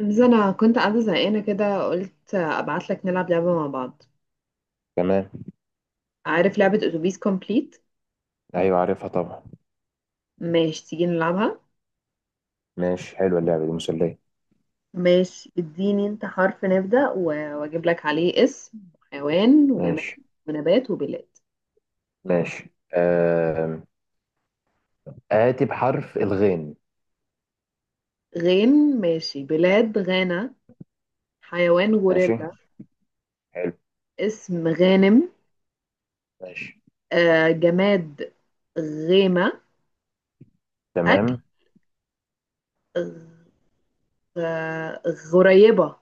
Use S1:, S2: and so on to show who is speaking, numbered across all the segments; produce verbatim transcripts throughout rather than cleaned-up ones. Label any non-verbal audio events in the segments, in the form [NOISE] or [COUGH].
S1: بس انا كنت قاعده زهقانه كده، قلت ابعت لك نلعب لعبه مع بعض.
S2: تمام.
S1: عارف لعبه اتوبيس كومبليت؟
S2: ايوه، عارفها طبعا.
S1: ماشي تيجي نلعبها.
S2: ماشي، حلوه اللعبه دي، مسليه.
S1: ماشي، اديني انت حرف نبدا و- واجيب لك عليه اسم حيوان وجماد
S2: ماشي
S1: ونبات وبلاد.
S2: ماشي. آم، آتي بحرف الغين.
S1: غين، ماشي. بلاد غانا. حيوان
S2: ماشي.
S1: غوريلا.
S2: حلو.
S1: اسم غانم.
S2: ماشي.
S1: آه جماد غيمه. اكل
S2: تمام.
S1: غ- غريبه.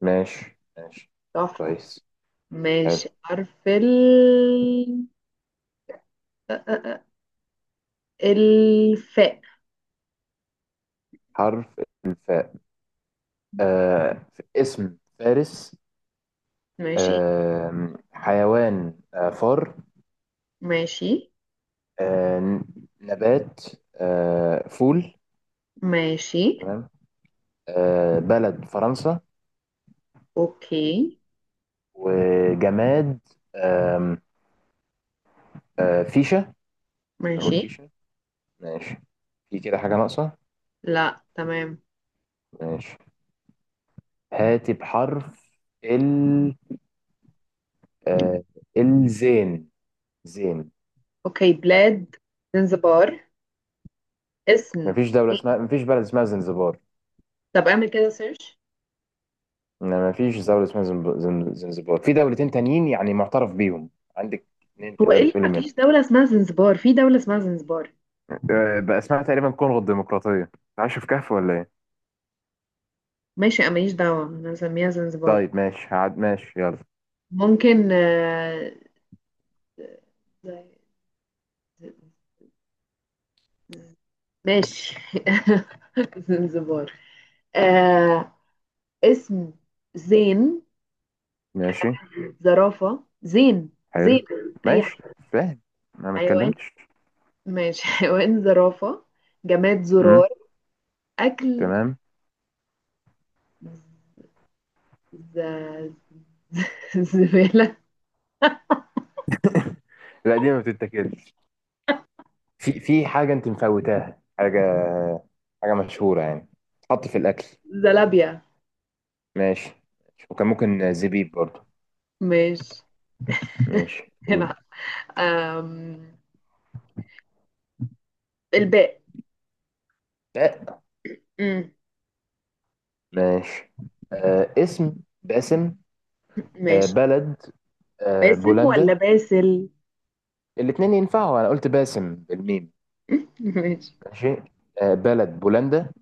S2: ماشي ماشي.
S1: تحفه.
S2: كويس.
S1: ماشي
S2: حلو.
S1: حرف ال الفاء.
S2: حرف الفاء. آه اسم فارس.
S1: ماشي.
S2: آم، حيوان آه فار.
S1: ماشي.
S2: آه نبات آه فول.
S1: ماشي.
S2: تمام. آه بلد فرنسا.
S1: اوكي.
S2: وجماد. آم، آه فيشة.
S1: ماشي.
S2: بنقول فيشة. ماشي. في كده حاجة ناقصة.
S1: لا، تمام.
S2: ماشي. هاتي بحرف ال. آه الزين. زين.
S1: اوكي، بلاد زنزبار. اسم.
S2: مفيش دولة اسمها مفيش بلد اسمها زنزبار.
S1: طب اعمل كده سيرش.
S2: لا، مفيش دولة اسمها زنب- زن- زنزبار. في دولتين تانيين يعني معترف بيهم عندك، اتنين
S1: هو ايه
S2: تقدر
S1: اللي
S2: تقولي منهم.
S1: مفيش دولة اسمها زنزبار؟ في دولة اسمها زنزبار.
S2: آه، بقى اسمها تقريبا كونغو الديمقراطية. عايش في كهف ولا ايه؟
S1: ماشي، انا ماليش دعوة، انا هسميها زنزبار.
S2: طيب، ماشي، هعد. ماشي، يلا.
S1: ممكن آه، ماشي. [LAUGHS] زنزبار. آه اسم زين.
S2: ماشي.
S1: زرافة زين.
S2: حلو.
S1: زين. اي.
S2: ماشي. فاهم، انا ما
S1: حيوان.
S2: اتكلمتش.
S1: ماشي. [LAUGHS] حيوان زرافة. جماد
S2: امم.
S1: زرار. أكل.
S2: تمام.
S1: ز... ز... [LAUGHS] زبالة.
S2: لا، دي ما بتتاكلش. في في حاجة أنت مفوتاها. حاجة حاجة مشهورة يعني، تحط في الأكل.
S1: زلابيا.
S2: ماشي ماشي. وكان ممكن زبيب برضو.
S1: ماشي. [LAUGHS]
S2: ماشي، قول.
S1: هنا. أم... الباء.
S2: آه،
S1: أم،
S2: ماشي. آه اسم باسم. آه
S1: ماشي.
S2: بلد آه
S1: باسم ولا
S2: بولندا.
S1: باسل؟
S2: الاتنين ينفعوا، أنا قلت باسم بالميم.
S1: [LAUGHS] ماشي.
S2: ماشي. آه بلد بولندا.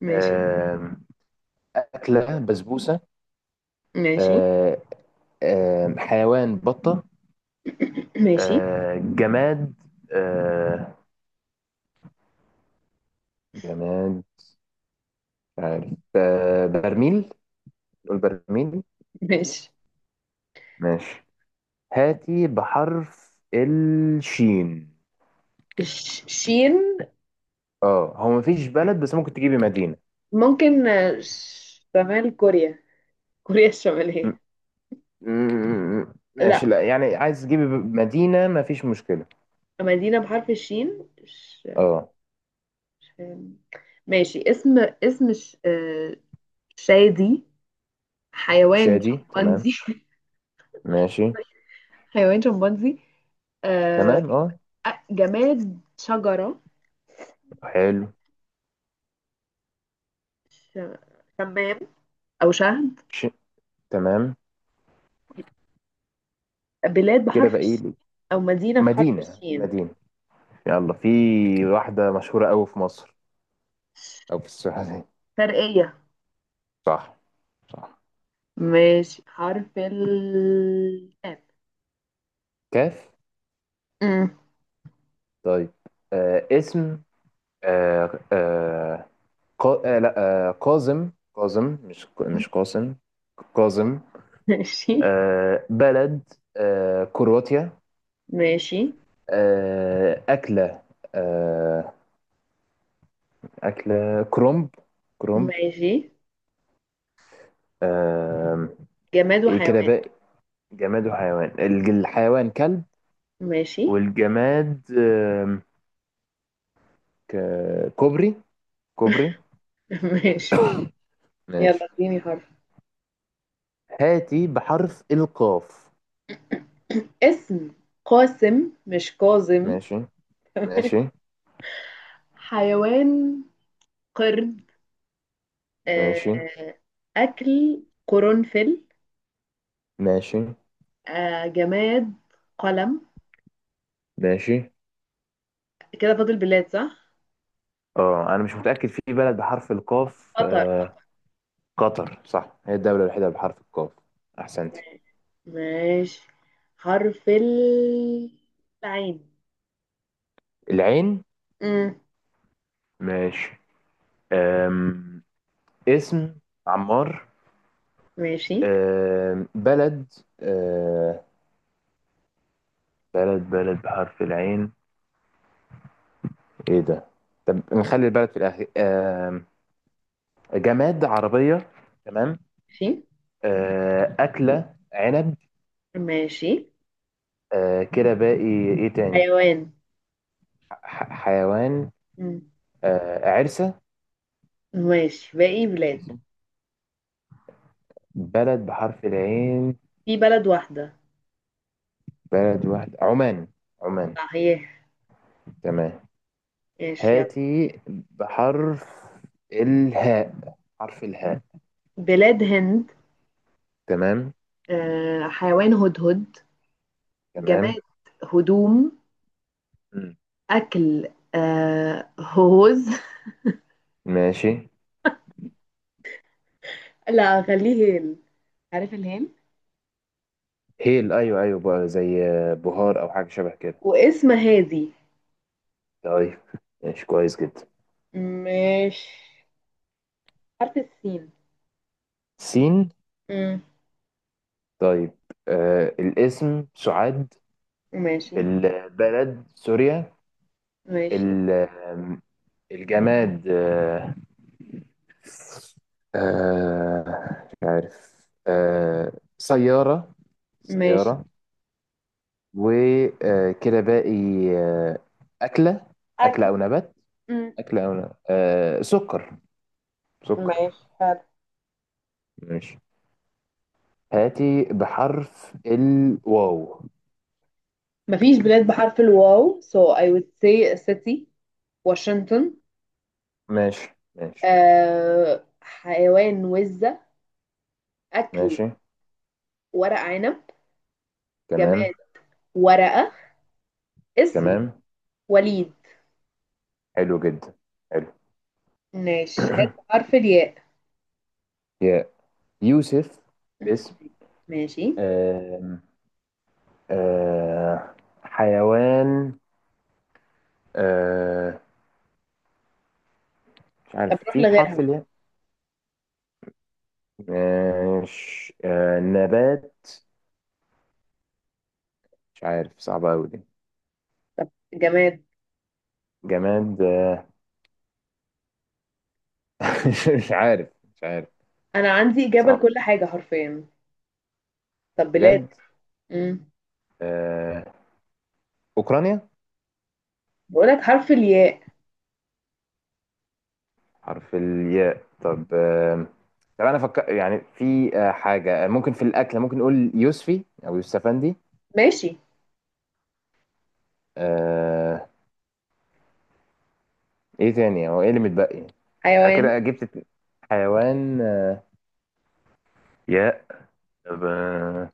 S1: ماشي.
S2: آه أكلة بسبوسة.
S1: ماشي.
S2: آه آه حيوان بطة.
S1: [CLEARS THROAT] ماشي.
S2: آه جماد. آه جماد، مش عارف. آه برميل. البرميل.
S1: ماشي.
S2: ماشي. هاتي بحرف الشين.
S1: ش- شين.
S2: اه، هو مفيش بلد بس ممكن تجيبي مدينة.
S1: ممكن آه، ش- شمال كوريا، كوريا
S2: م-
S1: الشمالية.
S2: م- م- ماشي،
S1: لا،
S2: لا يعني، عايز تجيبي ب- مدينة، مفيش مشكلة.
S1: مدينة بحرف الشين. ش...
S2: اه.
S1: أم، ماشي. اسم. اسم ش... آه، شادي. حيوان
S2: شادي، تمام.
S1: شمبانزي.
S2: ماشي.
S1: [LAUGHS] حيوان شمبانزي. آه،
S2: تمام، اه.
S1: آه، جماد شجرة.
S2: حلو.
S1: ش- شمام أو شهد.
S2: ش... تمام.
S1: بلاد
S2: كده
S1: بحرف
S2: بقى ايه؟
S1: الشين، أو مدينة بحرف
S2: مدينة،
S1: الشين.
S2: مدينة. يلا، في واحدة مشهورة قوي في مصر او في السعودية.
S1: شرقية.
S2: صح. صح.
S1: ماشي حرف ال كاف.
S2: كاف.
S1: أمم.
S2: طيب. آه اسم. آه آه قا... آه لا، آه قازم، قازم، مش ك- مش قاسم، قازم.
S1: [LAUGHS] ماشي.
S2: آه بلد، آه كرواتيا.
S1: ماشي.
S2: آه أكلة. آه أكلة كرومب. كرومب.
S1: ماشي.
S2: آه.
S1: جماد
S2: إيه كده
S1: وحيوان.
S2: بقى؟ جماد وحيوان. الج- الحيوان كلب.
S1: ماشي.
S2: والجماد آه ك... كوبري. كوبري.
S1: [LAUGHS] ماشي يلا
S2: ماشي.
S1: اديني حرف.
S2: هاتي بحرف القاف.
S1: اسم قاسم، مش كاظم.
S2: ماشي ماشي
S1: حيوان قرد. آه،
S2: ماشي
S1: أكل قرنفل.
S2: ماشي
S1: آه، جماد قلم.
S2: ماشي.
S1: كده فاضل بلاد، صح؟
S2: اه، انا مش متاكد في بلد بحرف القاف.
S1: قطر.
S2: آه، قطر. صح، هي الدوله الوحيده بحرف القاف. احسنتي.
S1: ماشي حرف ال- العين.
S2: العين.
S1: مم.
S2: ماشي. أم... اسم عمار.
S1: ماشي.
S2: أم... بلد. أم... بلد، بلد بحرف العين، ايه ده؟ طب نخلي البلد في الاخر. أم... جماد عربيه. تمام.
S1: ماشي.
S2: أه... اكله عنب.
S1: ماشي.
S2: أه... كده باقي ايه تاني؟
S1: حيوان.
S2: ح... حيوان.
S1: مم.
S2: أه... عرسه.
S1: ماشي باقي بلاد.
S2: عرسة. بلد بحرف العين.
S1: في بلد واحدة.
S2: بلد واحد، عمان. عمان.
S1: صحيح.
S2: تمام.
S1: ماشي يلا.
S2: هاتي بحرف الهاء، حرف الهاء.
S1: بلاد هند.
S2: تمام.
S1: آه، حيوان هدهد.
S2: تمام.
S1: جماد هدوم.
S2: مم.
S1: أكل آه هوز.
S2: ماشي.
S1: لا، خليه هيل، عارف الهيل.
S2: هيل، ايوه ايوه، بقى زي بهار او حاجه شبه كده.
S1: واسم هادي.
S2: طيب، ماشي، كويس جدا.
S1: مش حرف السين.
S2: سين.
S1: مم.
S2: طيب. آه الاسم سعاد.
S1: ماشي.
S2: البلد سوريا.
S1: ماشي.
S2: ال- آم، الجماد آه آه مش عارف. آه سياره.
S1: ماشي.
S2: سياره. وكده باقي آه، أكلة. أكلة
S1: أكل.
S2: أو نبات.
S1: مم.
S2: أكلة أو نبات. آه، سكر. سكر.
S1: ماشي حرف.
S2: ماشي. هاتي بحرف الواو.
S1: مفيش بلاد بحرف الواو so I would say a city. واشنطن.
S2: ماشي ماشي
S1: آه حيوان وزة. أكل.
S2: ماشي.
S1: ورق عنب. جماد
S2: تمام.
S1: ورقة. اسم
S2: تمام.
S1: وليد.
S2: حلو جدا. حلو.
S1: ماشي هات
S2: [CLEARS THROAT]
S1: بحرف الياء.
S2: يا، يوسف. اسم.
S1: ماشي.
S2: آم، آه، حيوان. آه، مش عارف
S1: طب روح
S2: في
S1: لغيرها.
S2: بحرف الياء. ماشي. آه، نبات، مش عارف، صعبة أوي دي.
S1: طب جماد.
S2: جماد. مش مش عارف. مش عارف.
S1: انا عندي اجابه
S2: صعب
S1: لكل حاجه حرفيا. طب بلاد.
S2: بجد.
S1: امم
S2: آه، أوكرانيا.
S1: بقولك حرف الياء.
S2: حرف الياء. طب آه، طب أنا فكر يعني في آه، حاجة آه، ممكن في الأكل ممكن نقول يوسفي أو يوسفندي.
S1: ماشي.
S2: آه، إيه تاني، هو إيه اللي متبقي؟ أنا
S1: حيوان.
S2: كده جبت ات- حيوان. آه، ياء. طب آه،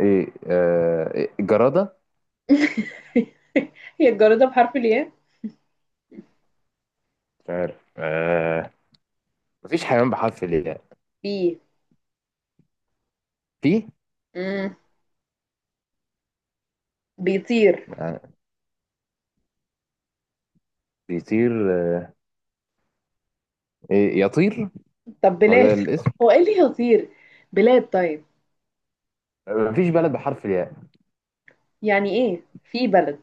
S2: إيه آه، إيه؟ جرادة.
S1: [LAUGHS] هي الجرادة بحرف الياء؟
S2: مش عارف. آه، مفيش حيوان بحرف الياء.
S1: بي.
S2: في
S1: امم بيطير.
S2: آه، بيطير. آه، إيه يطير.
S1: طب
S2: هو
S1: بلاد.
S2: ده الاسم.
S1: هو ايه اللي يطير؟ بلاد طيب.
S2: آه، مفيش بلد بحرف الياء.
S1: يعني ايه؟ في بلد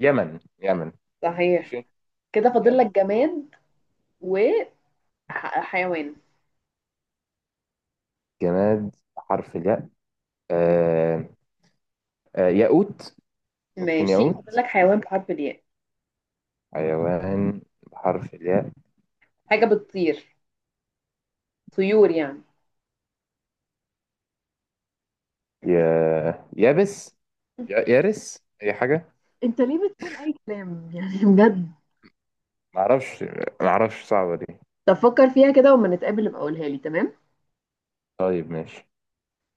S2: يمن. يمن.
S1: صحيح.
S2: ماشي.
S1: كده فاضل لك
S2: يمن.
S1: جماد وحيوان.
S2: جماد بحرف الياء. آه. آه، ياقوت. ممكن
S1: ماشي فاضل
S2: ياقوت.
S1: لك حيوان بحرف الياء.
S2: حيوان بحرف الياء.
S1: حاجه بتطير، طيور يعني.
S2: يا يابس. يا- يارس، اي حاجه.
S1: انت ليه بتقول اي كلام يعني، بجد؟
S2: معرفش. معرفش، صعبه دي.
S1: طب فكر فيها كده وما نتقابل ابقى قولها لي، تمام.
S2: طيب، ماشي.